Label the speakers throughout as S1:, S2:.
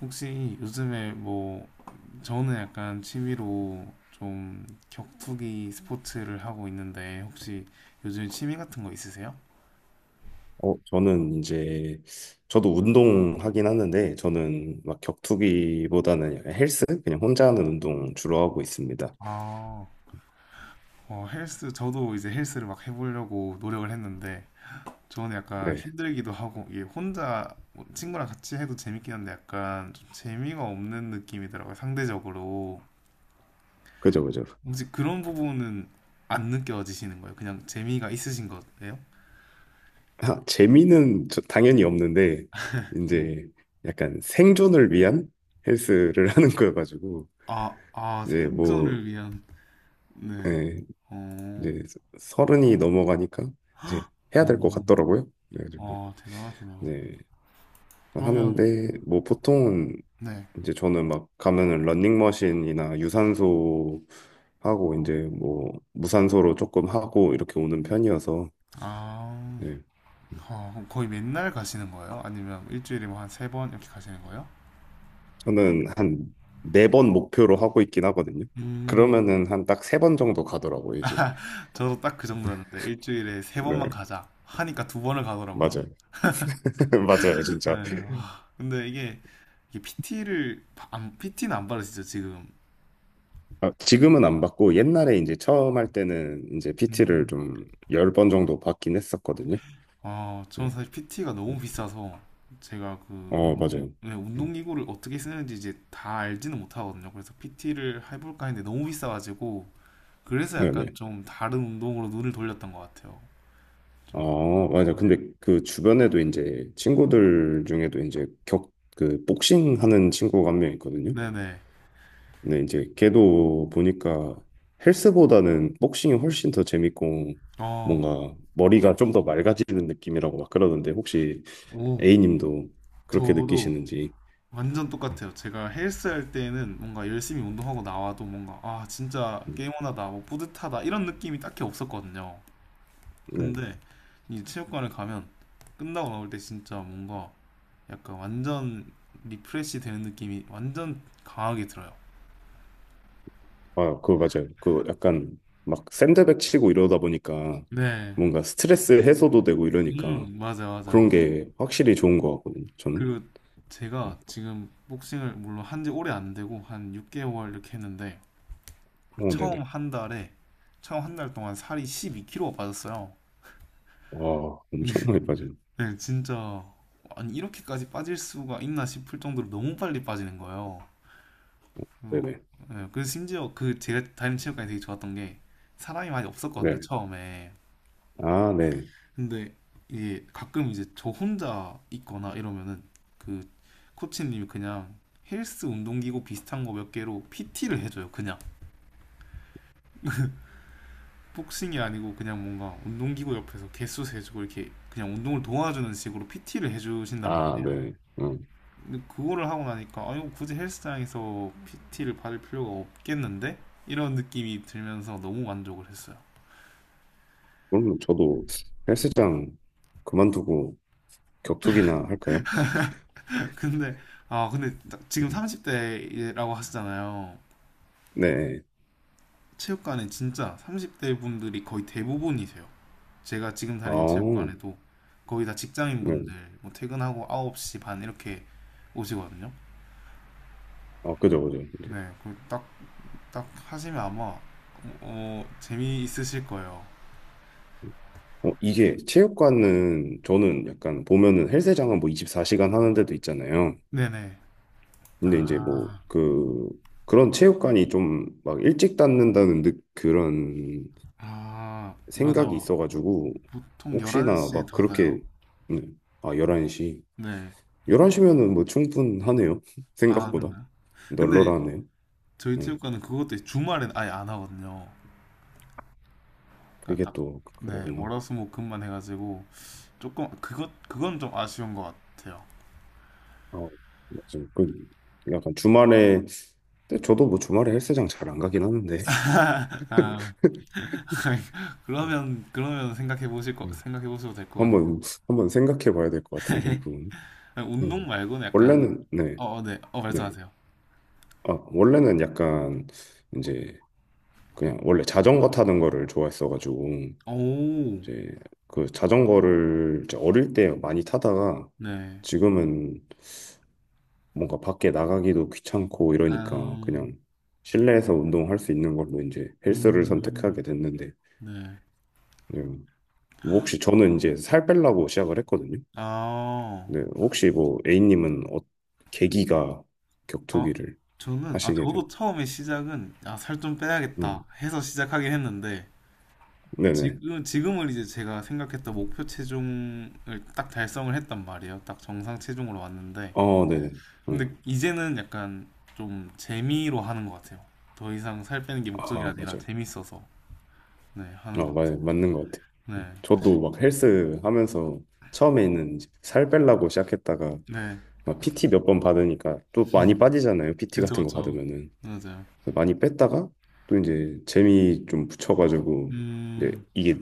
S1: 혹시 요즘에 뭐 저는 약간 취미로 좀 격투기 스포츠를 하고 있는데, 혹시 요즘 취미 같은 거 있으세요?
S2: 저는 이제 저도 운동하긴 하는데 저는 막 격투기보다는 헬스 그냥 혼자 하는 운동 주로 하고 있습니다.
S1: 아, 헬스, 저도 이제 헬스를 막 해보려고 노력을 했는데 저는 약간
S2: 네,
S1: 힘들기도 하고, 이게 혼자, 뭐, 친구랑 같이 해도 재밌긴 한데 약간 좀 재미가 없는 느낌이더라고요, 상대적으로.
S2: 그죠, 그죠.
S1: 혹시 그런 부분은 안 느껴지시는 거예요? 그냥 재미가 있으신 거예요?
S2: 아, 재미는 당연히 없는데
S1: 네.
S2: 이제 약간 생존을 위한 헬스를 하는 거여가지고
S1: 아, 아,
S2: 이제 뭐
S1: 생존을 위한. 네.
S2: 예,
S1: 어,
S2: 이제 서른이 넘어가니까 이제 해야
S1: 어,
S2: 될 것 같더라고요. 그래가지고
S1: 아, 대단하시네요.
S2: 네.
S1: 그러면,
S2: 하는데 뭐 보통은
S1: 네.
S2: 이제 저는 막 가면은 러닝머신이나 유산소 하고 이제 뭐 무산소로 조금 하고 이렇게 오는 편이어서.
S1: 아,
S2: 네.
S1: 그럼 거의 맨날 가시는 거예요? 아니면 일주일에 뭐 한 세 번 이렇게 가시는 거예요?
S2: 저는 한 네 번 목표로 하고 있긴 하거든요.
S1: 음.
S2: 그러면은 한 딱 세 번 정도 가더라고요, 이제.
S1: 저도 딱 그 정도였는데, 일주일에 세
S2: 네,
S1: 번만 가자 하니까 두 번을 가더라고요.
S2: 맞아요. 맞아요,
S1: 네,
S2: 진짜.
S1: 와. 근데 이게 PT를, 안, PT는 안 받으시죠, 지금?
S2: 아, 지금은 안 받고 옛날에 이제 처음 할 때는 이제 PT를 좀 열 번 정도 받긴 했었거든요.
S1: 아,
S2: 네.
S1: 저는 사실 PT가
S2: 음.
S1: 너무 비싸서, 제가 그
S2: 어, 맞아요.
S1: 네,
S2: 음,
S1: 운동기구를 어떻게 쓰는지 이제 다 알지는 못하거든요. 그래서 PT를 해볼까 했는데 너무 비싸가지고, 그래서 약간
S2: 네네.
S1: 좀 다른 운동으로 눈을 돌렸던 것 같아요. 좀.
S2: 어, 맞아. 근데 그 주변에도 이제 친구들 중에도 그 복싱 하는 친구가 한 명 있거든요.
S1: 네네.
S2: 근데 이제 걔도 보니까 헬스보다는 복싱이 훨씬 더 재밌고
S1: 어,
S2: 뭔가 머리가 좀 더 맑아지는 느낌이라고 막 그러던데 혹시
S1: 오,
S2: A님도 그렇게
S1: 저도
S2: 느끼시는지.
S1: 완전
S2: 음,
S1: 똑같아요. 제가 헬스 할 때는 뭔가 열심히 운동하고 나와도 뭔가, 아, 진짜
S2: 음.
S1: 게임원하다, 뭐 뿌듯하다, 이런 느낌이 딱히 없었거든요.
S2: 네.
S1: 근데 이 체육관을 가면 끝나고 나올 때 진짜 뭔가 약간 완전 리프레시 되는 느낌이 완전 강하게 들어요.
S2: 아, 그거 맞아요. 그 약간 막 샌드백 치고 이러다 보니까
S1: 네.
S2: 뭔가 스트레스 해소도 되고 이러니까
S1: 맞아, 맞아.
S2: 그런
S1: 요.
S2: 게 확실히 좋은 것 같거든요. 저는.
S1: 그리고 제가 지금 복싱을 물론 한지 오래 안 되고 한 6개월 이렇게 했는데,
S2: 오,
S1: 처음
S2: 네네.
S1: 한 달에 처음 한 달 동안 살이 12kg가 빠졌어요.
S2: 와,
S1: 네,
S2: 엄청 많이 빠지네.
S1: 네, 진짜, 아니 이렇게까지 빠질 수가 있나 싶을 정도로 너무 빨리 빠지는 거예요. 그래서,
S2: 네네.
S1: 네, 그래서 심지어 그 제가 다니는 체육관이 되게 좋았던 게 사람이 많이 없었거든요,
S2: 네.
S1: 처음에.
S2: 아, 네.
S1: 근데 이게 가끔 이제 저 혼자 있거나 이러면은, 그 코치님이 그냥 헬스 운동기구 비슷한 거 몇 개로 PT를 해줘요. 그냥 복싱이 아니고 그냥 뭔가 운동기구 옆에서 개수 세주고 이렇게 그냥 운동을 도와주는 식으로 PT를 해주신단
S2: 아,
S1: 말이에요.
S2: 네. 음.
S1: 근데 그거를 하고 나니까, 아, 이거 굳이 헬스장에서 PT를 받을 필요가 없겠는데? 이런 느낌이 들면서 너무 만족을 했어요.
S2: 그럼 저도 헬스장 그만두고 격투기나 할까요?
S1: 근데 근데 지금
S2: 음.
S1: 30대라고 하시잖아요.
S2: 네.
S1: 체육관에 진짜 30대 분들이 거의 대부분이세요. 제가 지금
S2: 아,
S1: 다니는 체육관에도 거의 다 직장인
S2: 네.
S1: 분들 뭐 퇴근하고 9시 반 이렇게 오시거든요.
S2: 아, 그죠, 그죠. 이제.
S1: 네, 그 딱 하시면 아마 재미있으실 거예요.
S2: 이게 체육관은 저는 약간 보면은 헬스장은 뭐 24시간 하는 데도 있잖아요.
S1: 네네.
S2: 근데 이제 뭐
S1: 아,
S2: 그런 체육관이 좀 막 일찍 닫는다는 그런
S1: 아,
S2: 생각이
S1: 맞아.
S2: 있어가지고
S1: 보통
S2: 혹시나
S1: 11시에
S2: 막
S1: 닫아요.
S2: 그렇게. 네. 아, 11시
S1: 네.
S2: 11시면은 뭐 충분하네요.
S1: 아,
S2: 생각보다
S1: 그러나요? 근데
S2: 널널하네요.
S1: 저희
S2: 네.
S1: 체육관은 그것도 주말엔 아예 안 하거든요.
S2: 그게
S1: 그러니까 딱,
S2: 또
S1: 네,
S2: 그거구나.
S1: 월화수목금만 해가지고 조금 그것 그건 좀 아쉬운 것 같아요.
S2: 아, 맞아요. 그 약간 주말에, 근데 저도 뭐 주말에 헬스장 잘 안 가긴 하는데.
S1: 아, 그러면 생각해 보실 거
S2: 네.
S1: 생각해 보셔도 될 것 같네요.
S2: 한번 한번 생각해 봐야 될 것 같은데 그건.
S1: 아니, 운동
S2: 음.
S1: 말고는 약간
S2: 원래는 네.
S1: 네.
S2: 네.
S1: 말씀하세요.
S2: 아, 원래는 약간 이제 그냥 원래 자전거 타는 거를 좋아했어가지고
S1: 오,
S2: 이제 그 자전거를 이제 어릴 때 많이 타다가
S1: 네.
S2: 지금은 뭔가 밖에 나가기도 귀찮고 이러니까
S1: 아,
S2: 그냥 실내에서 운동할 수 있는 걸로 이제 헬스를 선택하게
S1: 음,
S2: 됐는데
S1: 네.
S2: 그냥 뭐. 혹시 저는 이제 살 빼려고 시작을 했거든요.
S1: 아,
S2: 근데 혹시 뭐 A님은 계기가
S1: 아,
S2: 격투기를 하시게 된?
S1: 저도 처음에 시작은, 아, 살 좀
S2: 음,
S1: 빼야겠다 해서 시작하긴 했는데,
S2: 네네.
S1: 지금은 이제 제가 생각했던 목표 체중을 딱 달성을 했단 말이에요. 딱 정상 체중으로 왔는데,
S2: 어, 네네. 음,
S1: 근데 이제는 약간 좀 재미로 하는 것 같아요. 더 이상 살 빼는 게 목적이
S2: 아,
S1: 아니라
S2: 맞아요.
S1: 재밌어서. 네, 하는
S2: 어,
S1: 것
S2: 맞,
S1: 같아요.
S2: 맞는 것 같아요. 음.
S1: 네,
S2: 저도 막 헬스 하면서 처음에는 이제 살 빼려고 시작했다가
S1: 네,
S2: 막 PT 몇 번 받으니까 또 많이 빠지잖아요. PT
S1: 그쵸,
S2: 같은 거
S1: 그쵸,
S2: 받으면은
S1: 맞아요.
S2: 많이 뺐다가 또 이제 재미 좀 붙여가지고 이제
S1: 음,
S2: 이게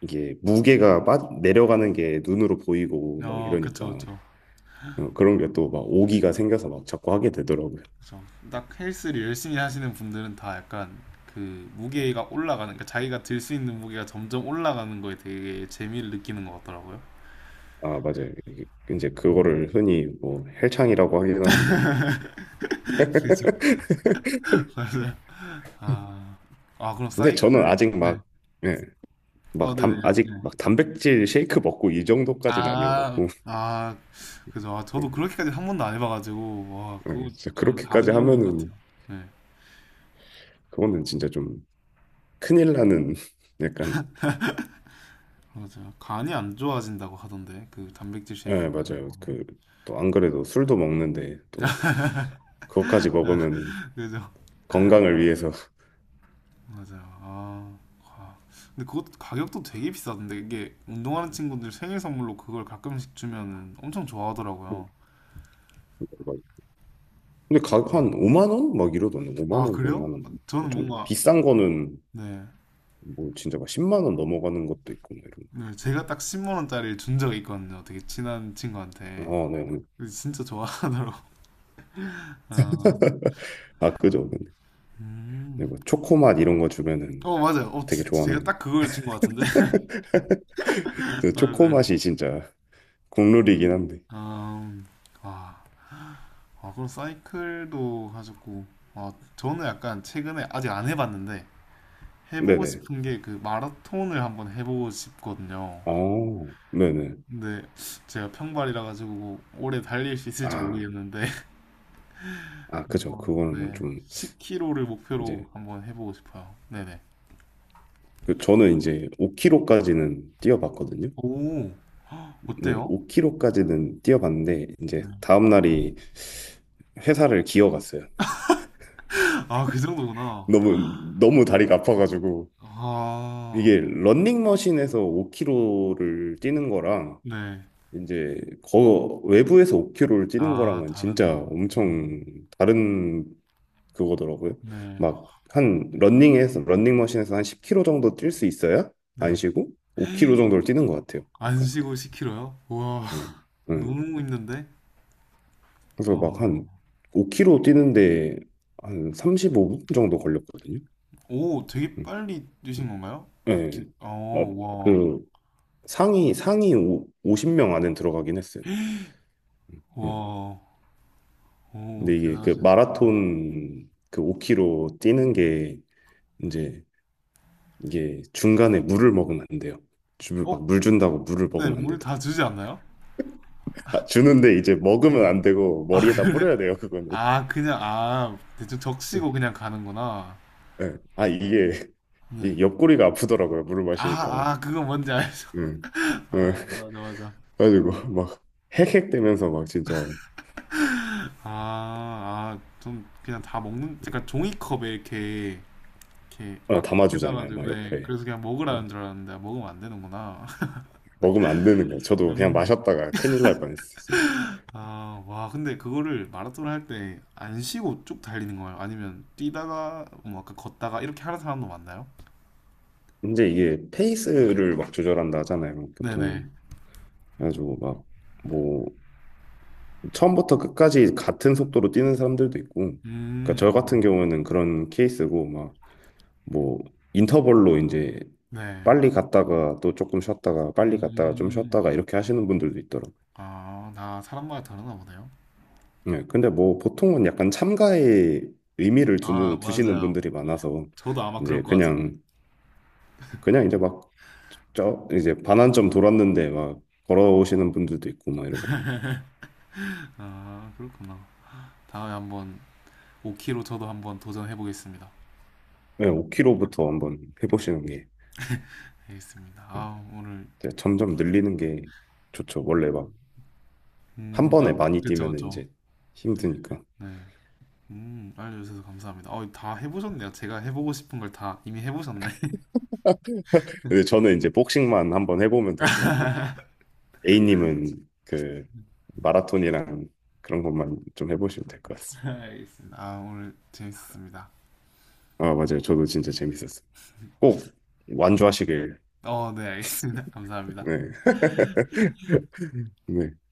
S2: 이게 무게가 내려가는 게 눈으로 보이고 막
S1: 어,
S2: 이러니까
S1: 그쵸, 그쵸,
S2: 어, 그런 게 또 막 오기가 생겨서 막 자꾸 하게 되더라고요.
S1: 그쵸. 딱 헬스를 열심히 하시는 분들은 다 약간 그 무게가 올라가는, 그러니까 자기가 들 수 있는 무게가 점점 올라가는 거에 되게 재미를 느끼는 것 같더라고요.
S2: 아, 맞아요. 이게 이제
S1: 음,
S2: 그거를 흔히 뭐 헬창이라고 하긴 하는데
S1: 그죠, 맞아요. 아, 아, 그럼
S2: 근데 저는
S1: 사이클?
S2: 아직
S1: 네,
S2: 막 예,
S1: 어,
S2: 막
S1: 네네,
S2: 아직
S1: 네.
S2: 막 단백질 쉐이크 먹고 이 정도까지는
S1: 아,
S2: 아니어갖고.
S1: 아, 그죠. 아,
S2: 예,
S1: 저도 그렇게까지 한 번도 안 해봐가지고, 와,
S2: 예,
S1: 그거
S2: 진짜
S1: 좀
S2: 그렇게까지
S1: 다른 영역
S2: 하면은
S1: 같아요. 네,
S2: 그거는 진짜 좀 큰일 나는 약간.
S1: 맞아요. 간이 안 좋아진다고 하던데 그 단백질
S2: 예,
S1: 쉐이크를 많이
S2: 맞아요.
S1: 먹으면.
S2: 그, 또 안 그래도 술도 먹는데 또 그것까지 먹으면은
S1: 그죠?
S2: 건강을 위해서.
S1: 맞아요. 아, 와. 근데 그것도 가격도 되게 비싸던데, 이게 운동하는 친구들 생일 선물로 그걸 가끔씩 주면 엄청 좋아하더라고요.
S2: 근데 가격 한 5만 원? 막 이러던데 5만
S1: 아,
S2: 원,
S1: 그래요?
S2: 6만 원.
S1: 저는
S2: 좀
S1: 뭔가,
S2: 비싼 거는
S1: 네,
S2: 뭐 진짜 막 10만 원 넘어가는 것도 있고 막 이런.
S1: 네, 제가 딱 10만 원짜리를 준 적이 있거든요. 되게 친한 친구한테.
S2: 아, 네. 네.
S1: 근데 진짜 좋아하더라고. 아,
S2: 아, 그죠. 근데
S1: 음.
S2: 뭐 초코맛 이런 거 주면은
S1: 어, 맞아요. 어,
S2: 되게
S1: 제,
S2: 좋아하는
S1: 제가
S2: 거.
S1: 딱 그걸 친 것 같은데.
S2: 그 초코
S1: 맞아요.
S2: 맛이 진짜 국룰이긴 한데.
S1: 음, 아, 아, 그럼 사이클도 하셨고, 아, 저는 약간 최근에 아직 안 해봤는데, 해보고
S2: 네네.
S1: 싶은 게 그 마라톤을 한번 해보고 싶거든요.
S2: 아, 네네.
S1: 근데 제가 평발이라 가지고 뭐 오래 달릴 수 있을지
S2: 아,
S1: 모르겠는데,
S2: 아, 그죠.
S1: 한번,
S2: 그거는
S1: 네,
S2: 좀.
S1: 10km를
S2: 이제
S1: 목표로 한번 해보고 싶어요. 네네.
S2: 그 저는 이제 5km까지는 뛰어봤거든요.
S1: 오,
S2: 네,
S1: 어때요?
S2: 5km까지는 뛰어봤는데 이제
S1: 네.
S2: 다음 날이 회사를 기어갔어요.
S1: 아, 그 정도구나.
S2: 너무 너무 다리가 아파가지고.
S1: 아,
S2: 이게 런닝머신에서 5km를 뛰는 거랑
S1: 네.
S2: 이제 거 외부에서 5km를 뛰는
S1: 아,
S2: 거랑은
S1: 다른
S2: 진짜
S1: 점.
S2: 엄청 다른 그거더라고요.
S1: 네, 아,
S2: 막 한 러닝에서 러닝머신에서 한 10km 정도 뛸 수 있어야 안
S1: 네.
S2: 쉬고 5km 정도를 뛰는 것 같아요.
S1: 안
S2: 약간.
S1: 쉬고 10kg요? 우와,
S2: 음, 음.
S1: 너무 있는데?
S2: 그래서
S1: 어,
S2: 막 한 5km 뛰는데 한 35분 정도 걸렸거든요.
S1: 오, 되게
S2: 음,
S1: 빨리
S2: 음.
S1: 뛰신 건가요? 아,
S2: 예.
S1: 어,
S2: 어,
S1: 와,
S2: 그 상위 50명 안에 들어가긴 했어요. 음, 음.
S1: 와, 오,
S2: 근데 이게 그
S1: 대단하시네요. 네.
S2: 마라톤 그 5km 뛰는 게 이제 이게 중간에 물을 먹으면 안 돼요. 주부
S1: 어,
S2: 막물 준다고 물을
S1: 네,
S2: 먹으면 안
S1: 물
S2: 되더라고.
S1: 다 주지 않나요?
S2: 아, 주는데 이제
S1: 네.
S2: 먹으면 안 되고
S1: 아,
S2: 머리에다
S1: 그래?
S2: 뿌려야 돼요, 그거는.
S1: 아, 그냥, 아, 대충 적시고 그냥 가는구나.
S2: 예. 아, 이게
S1: 네.
S2: 이 옆구리가 아프더라고요, 물을
S1: 아,
S2: 마시니까.
S1: 아, 그거 뭔지 알죠?
S2: 응. 응.
S1: 아, 맞아, 맞아.
S2: 그래가지고 막 헥헥대면서 막 진짜.
S1: 아, 아, 좀 그냥 다 먹는, 약간 종이컵에 이렇게 막 해달라
S2: 담아주잖아요,
S1: 도
S2: 막
S1: 네,
S2: 옆에.
S1: 그래서 그냥 먹으라는 줄 알았는데 아, 먹으면 안 되는구나.
S2: 먹으면 안 되는 거예요. 저도 그냥 마셨다가 큰일 날 뻔했어요, 진짜.
S1: 음아와, 근데 그거를 마라톤 할 때 안 쉬고 쭉 달리는 거예요? 아니면 뛰다가 뭐 아까 걷다가 이렇게 하는 사람도 많나요?
S2: 이제 이게 페이스를 막 조절한다 하잖아요,
S1: 네네.
S2: 보통. 그래가지고 막뭐 처음부터 끝까지 같은 속도로 뛰는 사람들도 있고, 그러니까 저 같은 경우에는 그런 케이스고, 막, 뭐, 인터벌로 이제 빨리 갔다가 또 조금 쉬었다가 빨리 갔다가 좀
S1: 음아네음아나
S2: 쉬었다가 이렇게 하시는 분들도 있더라고요.
S1: 사람마다 다르나 보네요.
S2: 네, 근데 뭐 보통은 약간 참가에 의미를
S1: 아,
S2: 두시는
S1: 맞아요.
S2: 분들이 많아서,
S1: 저도 아마 그럴
S2: 이제
S1: 것 같은데.
S2: 그냥, 이제 막, 저, 이제 반환점 돌았는데 막 걸어오시는 분들도 있고, 막 이러고.
S1: 아, 그렇구나. 다음에 한번 5km 저도 한번 도전해 보겠습니다.
S2: 네, 5km부터 한번 해보시는 게.
S1: 알겠습니다.
S2: 네.
S1: 아, 오늘.
S2: 이제 점점 늘리는 게 좋죠. 원래 막 한 번에
S1: 음아.
S2: 많이
S1: 그쵸,
S2: 뛰면은
S1: 그쵸.
S2: 이제 힘드니까.
S1: 네. 알려주셔서 감사합니다. 다 해보셨네요. 제가 해보고 싶은 걸 다 이미 해보셨네.
S2: 근데 저는 이제 복싱만 한번 해보면 되고 이제 A님은 그 마라톤이랑 그런 것만 좀 해보시면 될 것 같습니다.
S1: 알겠습니다. 아, 오늘 재밌었습니다.
S2: 아, 맞아요. 저도 진짜 재밌었어요. 꼭 완주하시길.
S1: 네, 알겠습니다. 감사합니다.
S2: 네. 네.